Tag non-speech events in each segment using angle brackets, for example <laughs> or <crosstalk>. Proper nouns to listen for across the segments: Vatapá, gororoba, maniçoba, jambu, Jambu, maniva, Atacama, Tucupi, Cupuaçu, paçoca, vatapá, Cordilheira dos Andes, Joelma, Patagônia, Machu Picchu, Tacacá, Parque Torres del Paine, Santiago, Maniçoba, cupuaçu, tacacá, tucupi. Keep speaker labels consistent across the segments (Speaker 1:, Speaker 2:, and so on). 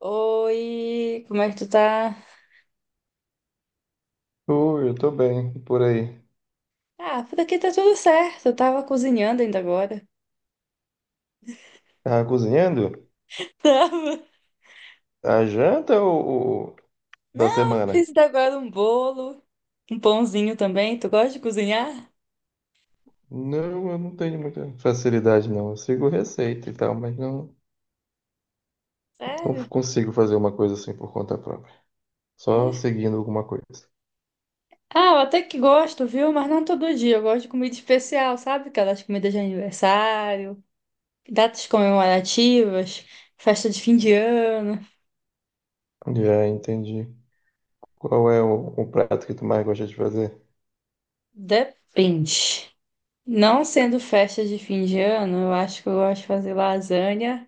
Speaker 1: Oi, como é que tu tá?
Speaker 2: Oi, eu tô bem, e por aí.
Speaker 1: Ah, por aqui tá tudo certo. Eu tava cozinhando ainda agora.
Speaker 2: Tava cozinhando?
Speaker 1: <laughs> Tava.
Speaker 2: A janta ou da
Speaker 1: Não,
Speaker 2: semana?
Speaker 1: fiz ainda agora um bolo, um pãozinho também. Tu gosta de cozinhar?
Speaker 2: Não, eu não tenho muita facilidade, não. Eu sigo receita e tal, não
Speaker 1: Sério?
Speaker 2: consigo fazer uma coisa assim por conta própria. Só
Speaker 1: É.
Speaker 2: seguindo alguma coisa.
Speaker 1: Ah, eu até que gosto, viu? Mas não todo dia. Eu gosto de comida especial, sabe? Aquelas comidas de aniversário, datas comemorativas, festa de fim de ano.
Speaker 2: Já entendi. Qual é o prato que tu mais gosta de fazer?
Speaker 1: Depende. Não sendo festa de fim de ano, eu acho que eu gosto de fazer lasanha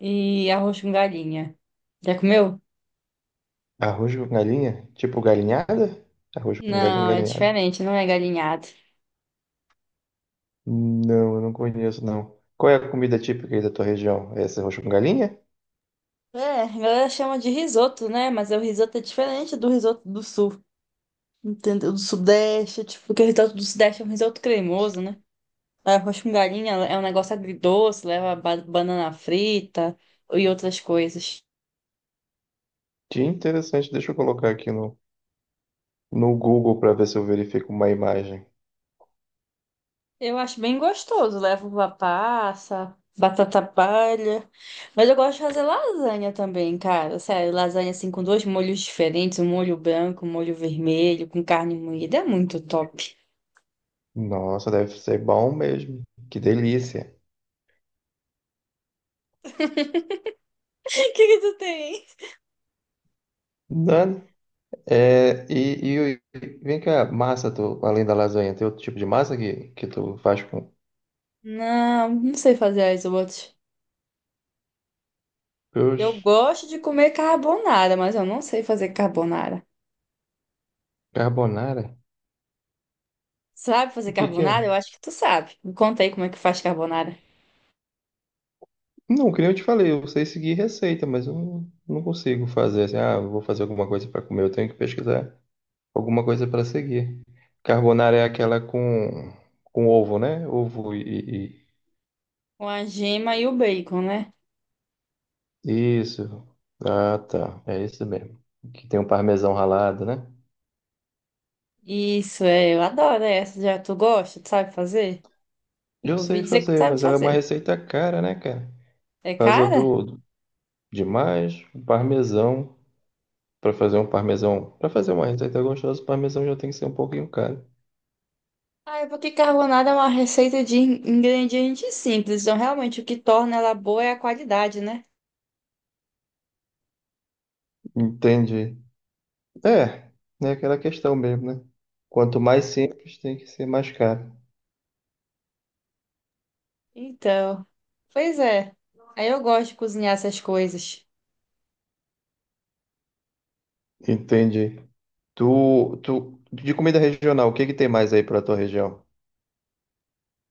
Speaker 1: e arroz com galinha. Já comeu?
Speaker 2: Arroz com galinha? Tipo galinhada? Arroz com galinha,
Speaker 1: Não, é
Speaker 2: galinhada.
Speaker 1: diferente, não é galinhado.
Speaker 2: Não, eu não conheço, não. Qual é a comida típica aí da tua região? É esse arroz com galinha?
Speaker 1: É, a galera chama de risoto, né? Mas o risoto é diferente do risoto do sul, entendeu? Do sudeste, tipo, porque o risoto do sudeste é um risoto cremoso, né? Arroz com galinha é um negócio agridoce, leva banana frita e outras coisas.
Speaker 2: Que interessante, deixa eu colocar aqui no Google para ver se eu verifico uma imagem.
Speaker 1: Eu acho bem gostoso. Levo uva passa, batata palha. Mas eu gosto de fazer lasanha também, cara. Sério, lasanha assim com dois molhos diferentes, um molho branco, um molho vermelho, com carne moída. É muito top.
Speaker 2: Nossa, deve ser bom mesmo. Que delícia.
Speaker 1: <laughs> O que que tu tem?
Speaker 2: Nani, e vem cá, massa, tu, além da lasanha, tem outro tipo de massa que tu faz com
Speaker 1: Não, não sei fazer as outras.
Speaker 2: os
Speaker 1: Eu gosto de comer carbonara, mas eu não sei fazer carbonara.
Speaker 2: carbonara?
Speaker 1: Sabe fazer
Speaker 2: O que que
Speaker 1: carbonara?
Speaker 2: é?
Speaker 1: Eu acho que tu sabe. Me conta aí como é que faz carbonara.
Speaker 2: Não, que nem eu te falei, eu sei seguir receita, mas eu não, não consigo fazer assim, ah, eu vou fazer alguma coisa para comer, eu tenho que pesquisar alguma coisa para seguir. Carbonara é aquela com ovo, né? Ovo e…
Speaker 1: Com a gema e o bacon, né?
Speaker 2: Isso. Ah, tá. É isso mesmo. Que tem um parmesão ralado, né?
Speaker 1: Isso, é, eu adoro essa. Já tu gosta? Tu sabe fazer?
Speaker 2: Eu
Speaker 1: Ouvi
Speaker 2: sei
Speaker 1: dizer que
Speaker 2: fazer,
Speaker 1: sabe
Speaker 2: mas ela é uma
Speaker 1: fazer.
Speaker 2: receita cara, né, cara?
Speaker 1: É
Speaker 2: Por causa
Speaker 1: cara?
Speaker 2: do demais, o parmesão. Pra fazer um parmesão, pra fazer uma receita gostosa, o parmesão já tem que ser um pouquinho caro.
Speaker 1: Ah, é porque carbonada é uma receita de ingredientes simples, então realmente o que torna ela boa é a qualidade, né?
Speaker 2: Entendi. É, é aquela questão mesmo, né? Quanto mais simples, tem que ser mais caro.
Speaker 1: Então, pois é. Aí eu gosto de cozinhar essas coisas.
Speaker 2: Entendi. De comida regional, o que que tem mais aí pra tua região?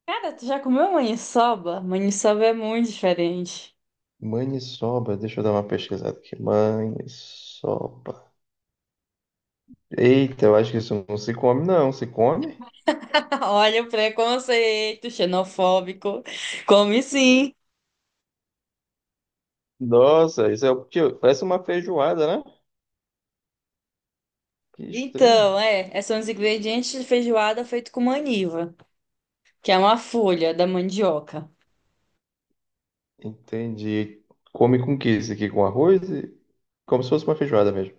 Speaker 1: Cara, tu já comeu maniçoba? Maniçoba é muito diferente.
Speaker 2: Maniçoba, deixa eu dar uma pesquisada aqui. Maniçoba. Eita, eu acho que isso não se come, não. Se come?
Speaker 1: <laughs> Olha o preconceito xenofóbico. Come sim.
Speaker 2: Nossa, isso é o que parece uma feijoada, né? Que estranho.
Speaker 1: Então, são os ingredientes de feijoada feito com maniva, que é uma folha da mandioca.
Speaker 2: Entendi. Come com o que isso aqui? Com arroz? E… Como se fosse uma feijoada mesmo.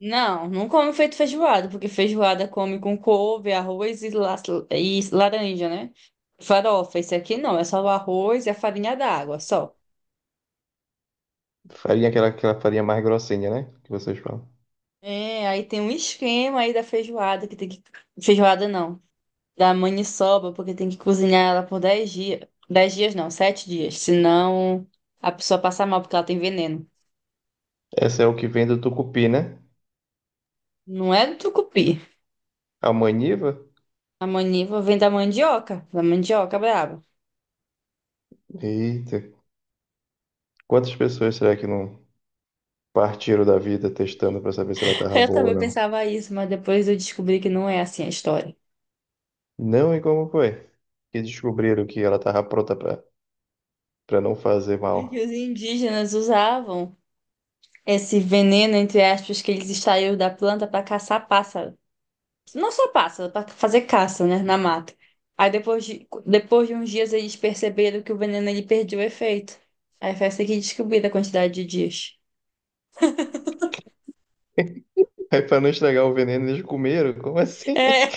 Speaker 1: Não, não come feito feijoada, porque feijoada come com couve, arroz e, e laranja, né? Farofa, esse aqui não, é só o arroz e a farinha d'água, só.
Speaker 2: Farinha, aquela farinha mais grossinha, né? Que vocês falam.
Speaker 1: É, aí tem um esquema aí da feijoada, que tem que... Feijoada não, da maniçoba, porque tem que cozinhar ela por 10 dias. Dez dias não, 7 dias, senão a pessoa passa mal porque ela tem veneno.
Speaker 2: Essa é o que vem do Tucupi, né?
Speaker 1: Não é do tucupi.
Speaker 2: A maniva?
Speaker 1: A maniva vem da mandioca brava.
Speaker 2: Eita. Quantas pessoas será que não partiram da vida testando pra saber se ela tava
Speaker 1: Eu
Speaker 2: boa ou
Speaker 1: também
Speaker 2: não?
Speaker 1: pensava isso, mas depois eu descobri que não é assim a história.
Speaker 2: Não, e como foi? Que descobriram que ela tava pra não fazer
Speaker 1: É que
Speaker 2: mal.
Speaker 1: os indígenas usavam esse veneno, entre aspas, que eles extraíam da planta para caçar pássaro. Não só pássaro, para fazer caça, né, na mata. Aí depois de uns dias eles perceberam que o veneno ele perdeu o efeito. Aí foi essa que descobriram a quantidade de dias.
Speaker 2: <laughs> Aí pra não estragar o veneno, eles comeram? Como assim? <laughs>
Speaker 1: É.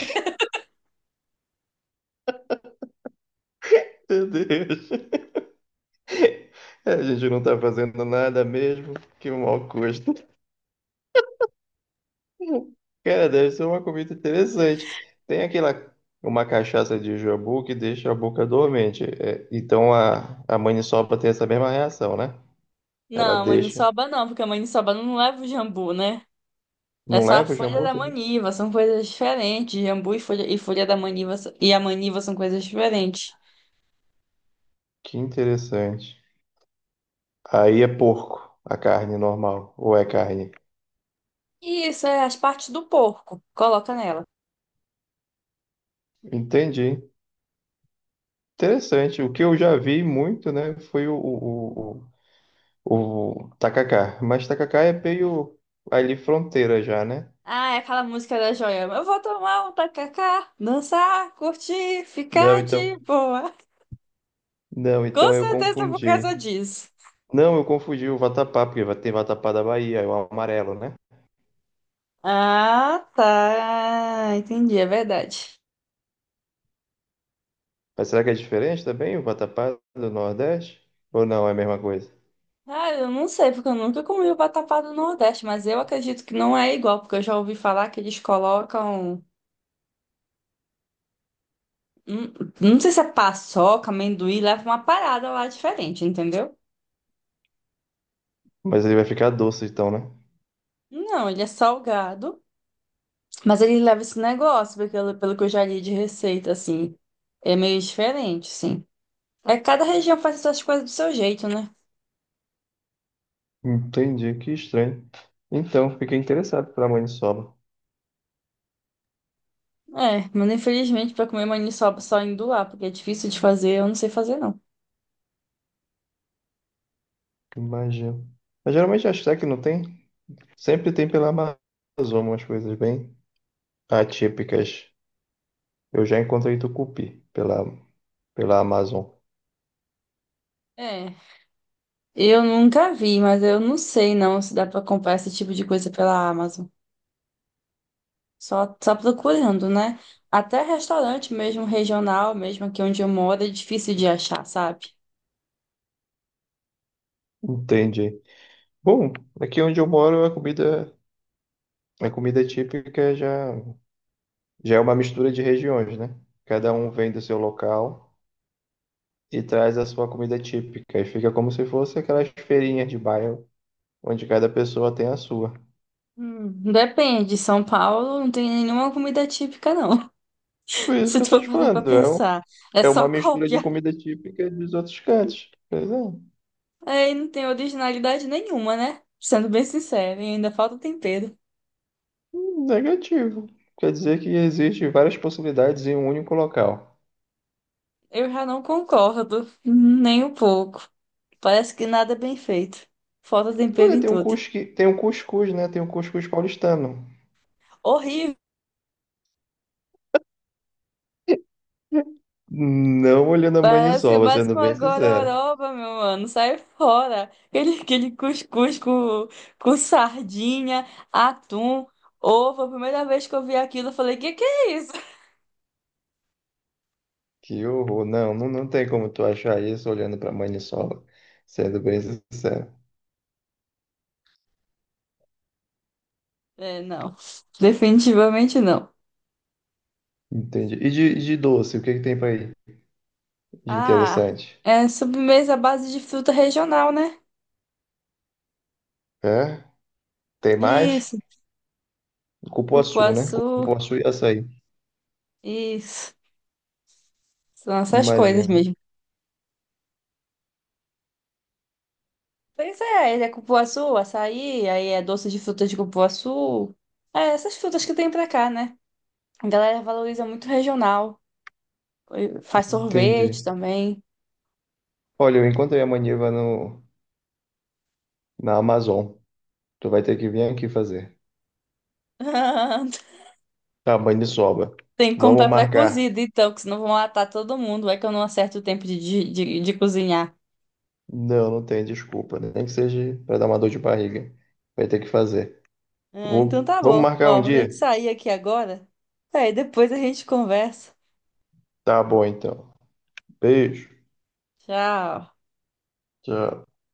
Speaker 2: Meu Deus. É, a gente não tá fazendo nada mesmo. Que mau gosto. <laughs> Cara, deve ser uma comida interessante. Tem aquela, uma cachaça de jambu que deixa a boca dormente. É, então a maniçoba tem essa mesma reação, né? Ela
Speaker 1: Não,
Speaker 2: deixa.
Speaker 1: maniçoba não, porque a maniçoba não leva o jambu, né? É
Speaker 2: Não
Speaker 1: só a
Speaker 2: leva o
Speaker 1: folha
Speaker 2: jambu
Speaker 1: da
Speaker 2: também?
Speaker 1: maniva, são coisas diferentes. Jambu e folha da maniva e a maniva são coisas diferentes.
Speaker 2: Que interessante. Aí é porco, a carne normal, ou é carne.
Speaker 1: E isso é as partes do porco, coloca nela.
Speaker 2: Entendi. Interessante. O que eu já vi muito, né, foi o tacacá. Mas tacacá é meio ali fronteira já, né?
Speaker 1: Ah, é aquela música da Joelma. Eu vou tomar um tacacá, dançar, curtir,
Speaker 2: Não,
Speaker 1: ficar de
Speaker 2: então,
Speaker 1: boa. <laughs>
Speaker 2: não,
Speaker 1: Com
Speaker 2: então eu
Speaker 1: certeza por
Speaker 2: confundi.
Speaker 1: causa disso.
Speaker 2: Não, eu confundi o vatapá, porque tem vatapá da Bahia, é o amarelo, né?
Speaker 1: Ah, tá. Entendi, é verdade.
Speaker 2: Mas será que é diferente também o vatapá do Nordeste? Ou não, é a mesma coisa?
Speaker 1: Ah, eu não sei, porque eu nunca comi o vatapá do Nordeste, mas eu acredito que não é igual, porque eu já ouvi falar que eles colocam. hum, Não sei se é paçoca, amendoim, leva uma parada lá diferente, entendeu?
Speaker 2: Mas ele vai ficar doce então, né?
Speaker 1: Não, ele é salgado. Mas ele leva esse negócio, porque pelo que eu já li de receita, assim, é meio diferente, sim. É, cada região faz essas coisas do seu jeito, né?
Speaker 2: Entendi, que estranho. Então, fiquei interessado pela maniçoba.
Speaker 1: É, mas infelizmente pra comer maniçoba só indo lá, porque é difícil de fazer, eu não sei fazer, não.
Speaker 2: Que magia. Mas geralmente acho que não tem. Sempre tem pela Amazônia umas coisas bem atípicas. Eu já encontrei tucupi pela Amazon.
Speaker 1: É, eu nunca vi, mas eu não sei não se dá pra comprar esse tipo de coisa pela Amazon. Só procurando, né? Até restaurante mesmo regional, mesmo aqui onde eu moro, é difícil de achar, sabe?
Speaker 2: Entendi. Bom, aqui onde eu moro a comida típica já é uma mistura de regiões, né? Cada um vem do seu local e traz a sua comida típica. E fica como se fosse aquelas feirinhas de bairro onde cada pessoa tem a sua.
Speaker 1: Depende, São Paulo não tem nenhuma comida típica, não.
Speaker 2: Por isso
Speaker 1: Se
Speaker 2: que eu
Speaker 1: tu
Speaker 2: tô
Speaker 1: for
Speaker 2: te
Speaker 1: parar pra
Speaker 2: falando, é um…
Speaker 1: pensar, é
Speaker 2: É uma
Speaker 1: só <laughs>
Speaker 2: mistura de
Speaker 1: cópia.
Speaker 2: comida típica dos outros cantos. Pois é.
Speaker 1: Aí não tem originalidade nenhuma, né? Sendo bem sincero, e ainda falta tempero.
Speaker 2: Negativo. Quer dizer que existem várias possibilidades em um único local.
Speaker 1: Eu já não concordo, nem um pouco. Parece que nada é bem feito. Falta tempero
Speaker 2: Olha,
Speaker 1: em
Speaker 2: tem um
Speaker 1: tudo.
Speaker 2: tem um cuscuz, né? Tem um cuscuz paulistano.
Speaker 1: Horrível.
Speaker 2: Não olhando a
Speaker 1: Parece
Speaker 2: maniçoba,
Speaker 1: mais
Speaker 2: sendo
Speaker 1: uma
Speaker 2: bem sincero.
Speaker 1: gororoba, meu mano. Sai fora. Aquele cuscuz com sardinha, atum, ovo. A primeira vez que eu vi aquilo, eu falei: que é isso?
Speaker 2: Que horror. Não tem como tu achar isso olhando pra maniçoba, sendo bem sincero.
Speaker 1: É, não. Definitivamente não.
Speaker 2: Entendi. E de doce, o que que tem pra aí de
Speaker 1: Ah,
Speaker 2: interessante?
Speaker 1: é sobremesa à base de fruta regional, né?
Speaker 2: É? Tem mais?
Speaker 1: Isso,
Speaker 2: Cupuaçu, né?
Speaker 1: cupuaçu,
Speaker 2: Cupuaçu e açaí,
Speaker 1: isso. São essas coisas
Speaker 2: imagino.
Speaker 1: mesmo. Pois é, ele é cupuaçu, açaí, aí é doce de frutas de cupuaçu. É, essas frutas que tem pra cá, né? A galera valoriza muito regional. Faz sorvete
Speaker 2: Entendi.
Speaker 1: também.
Speaker 2: Olha, eu encontrei a maniva no, na Amazon. Tu vai ter que vir aqui fazer.
Speaker 1: <laughs>
Speaker 2: Tamanho de sobra.
Speaker 1: Tem que
Speaker 2: Vamos
Speaker 1: comprar
Speaker 2: marcar.
Speaker 1: pré-cozido, então, que senão vão matar todo mundo. É que eu não acerto o tempo de cozinhar.
Speaker 2: Não, não tem desculpa, né? Nem que seja para dar uma dor de barriga. Vai ter que fazer.
Speaker 1: Ah, então tá
Speaker 2: Vamos
Speaker 1: bom.
Speaker 2: marcar um
Speaker 1: Ó, vou ter que
Speaker 2: dia?
Speaker 1: sair aqui agora. Aí depois a gente conversa.
Speaker 2: Tá bom, então. Beijo.
Speaker 1: Tchau.
Speaker 2: Tchau.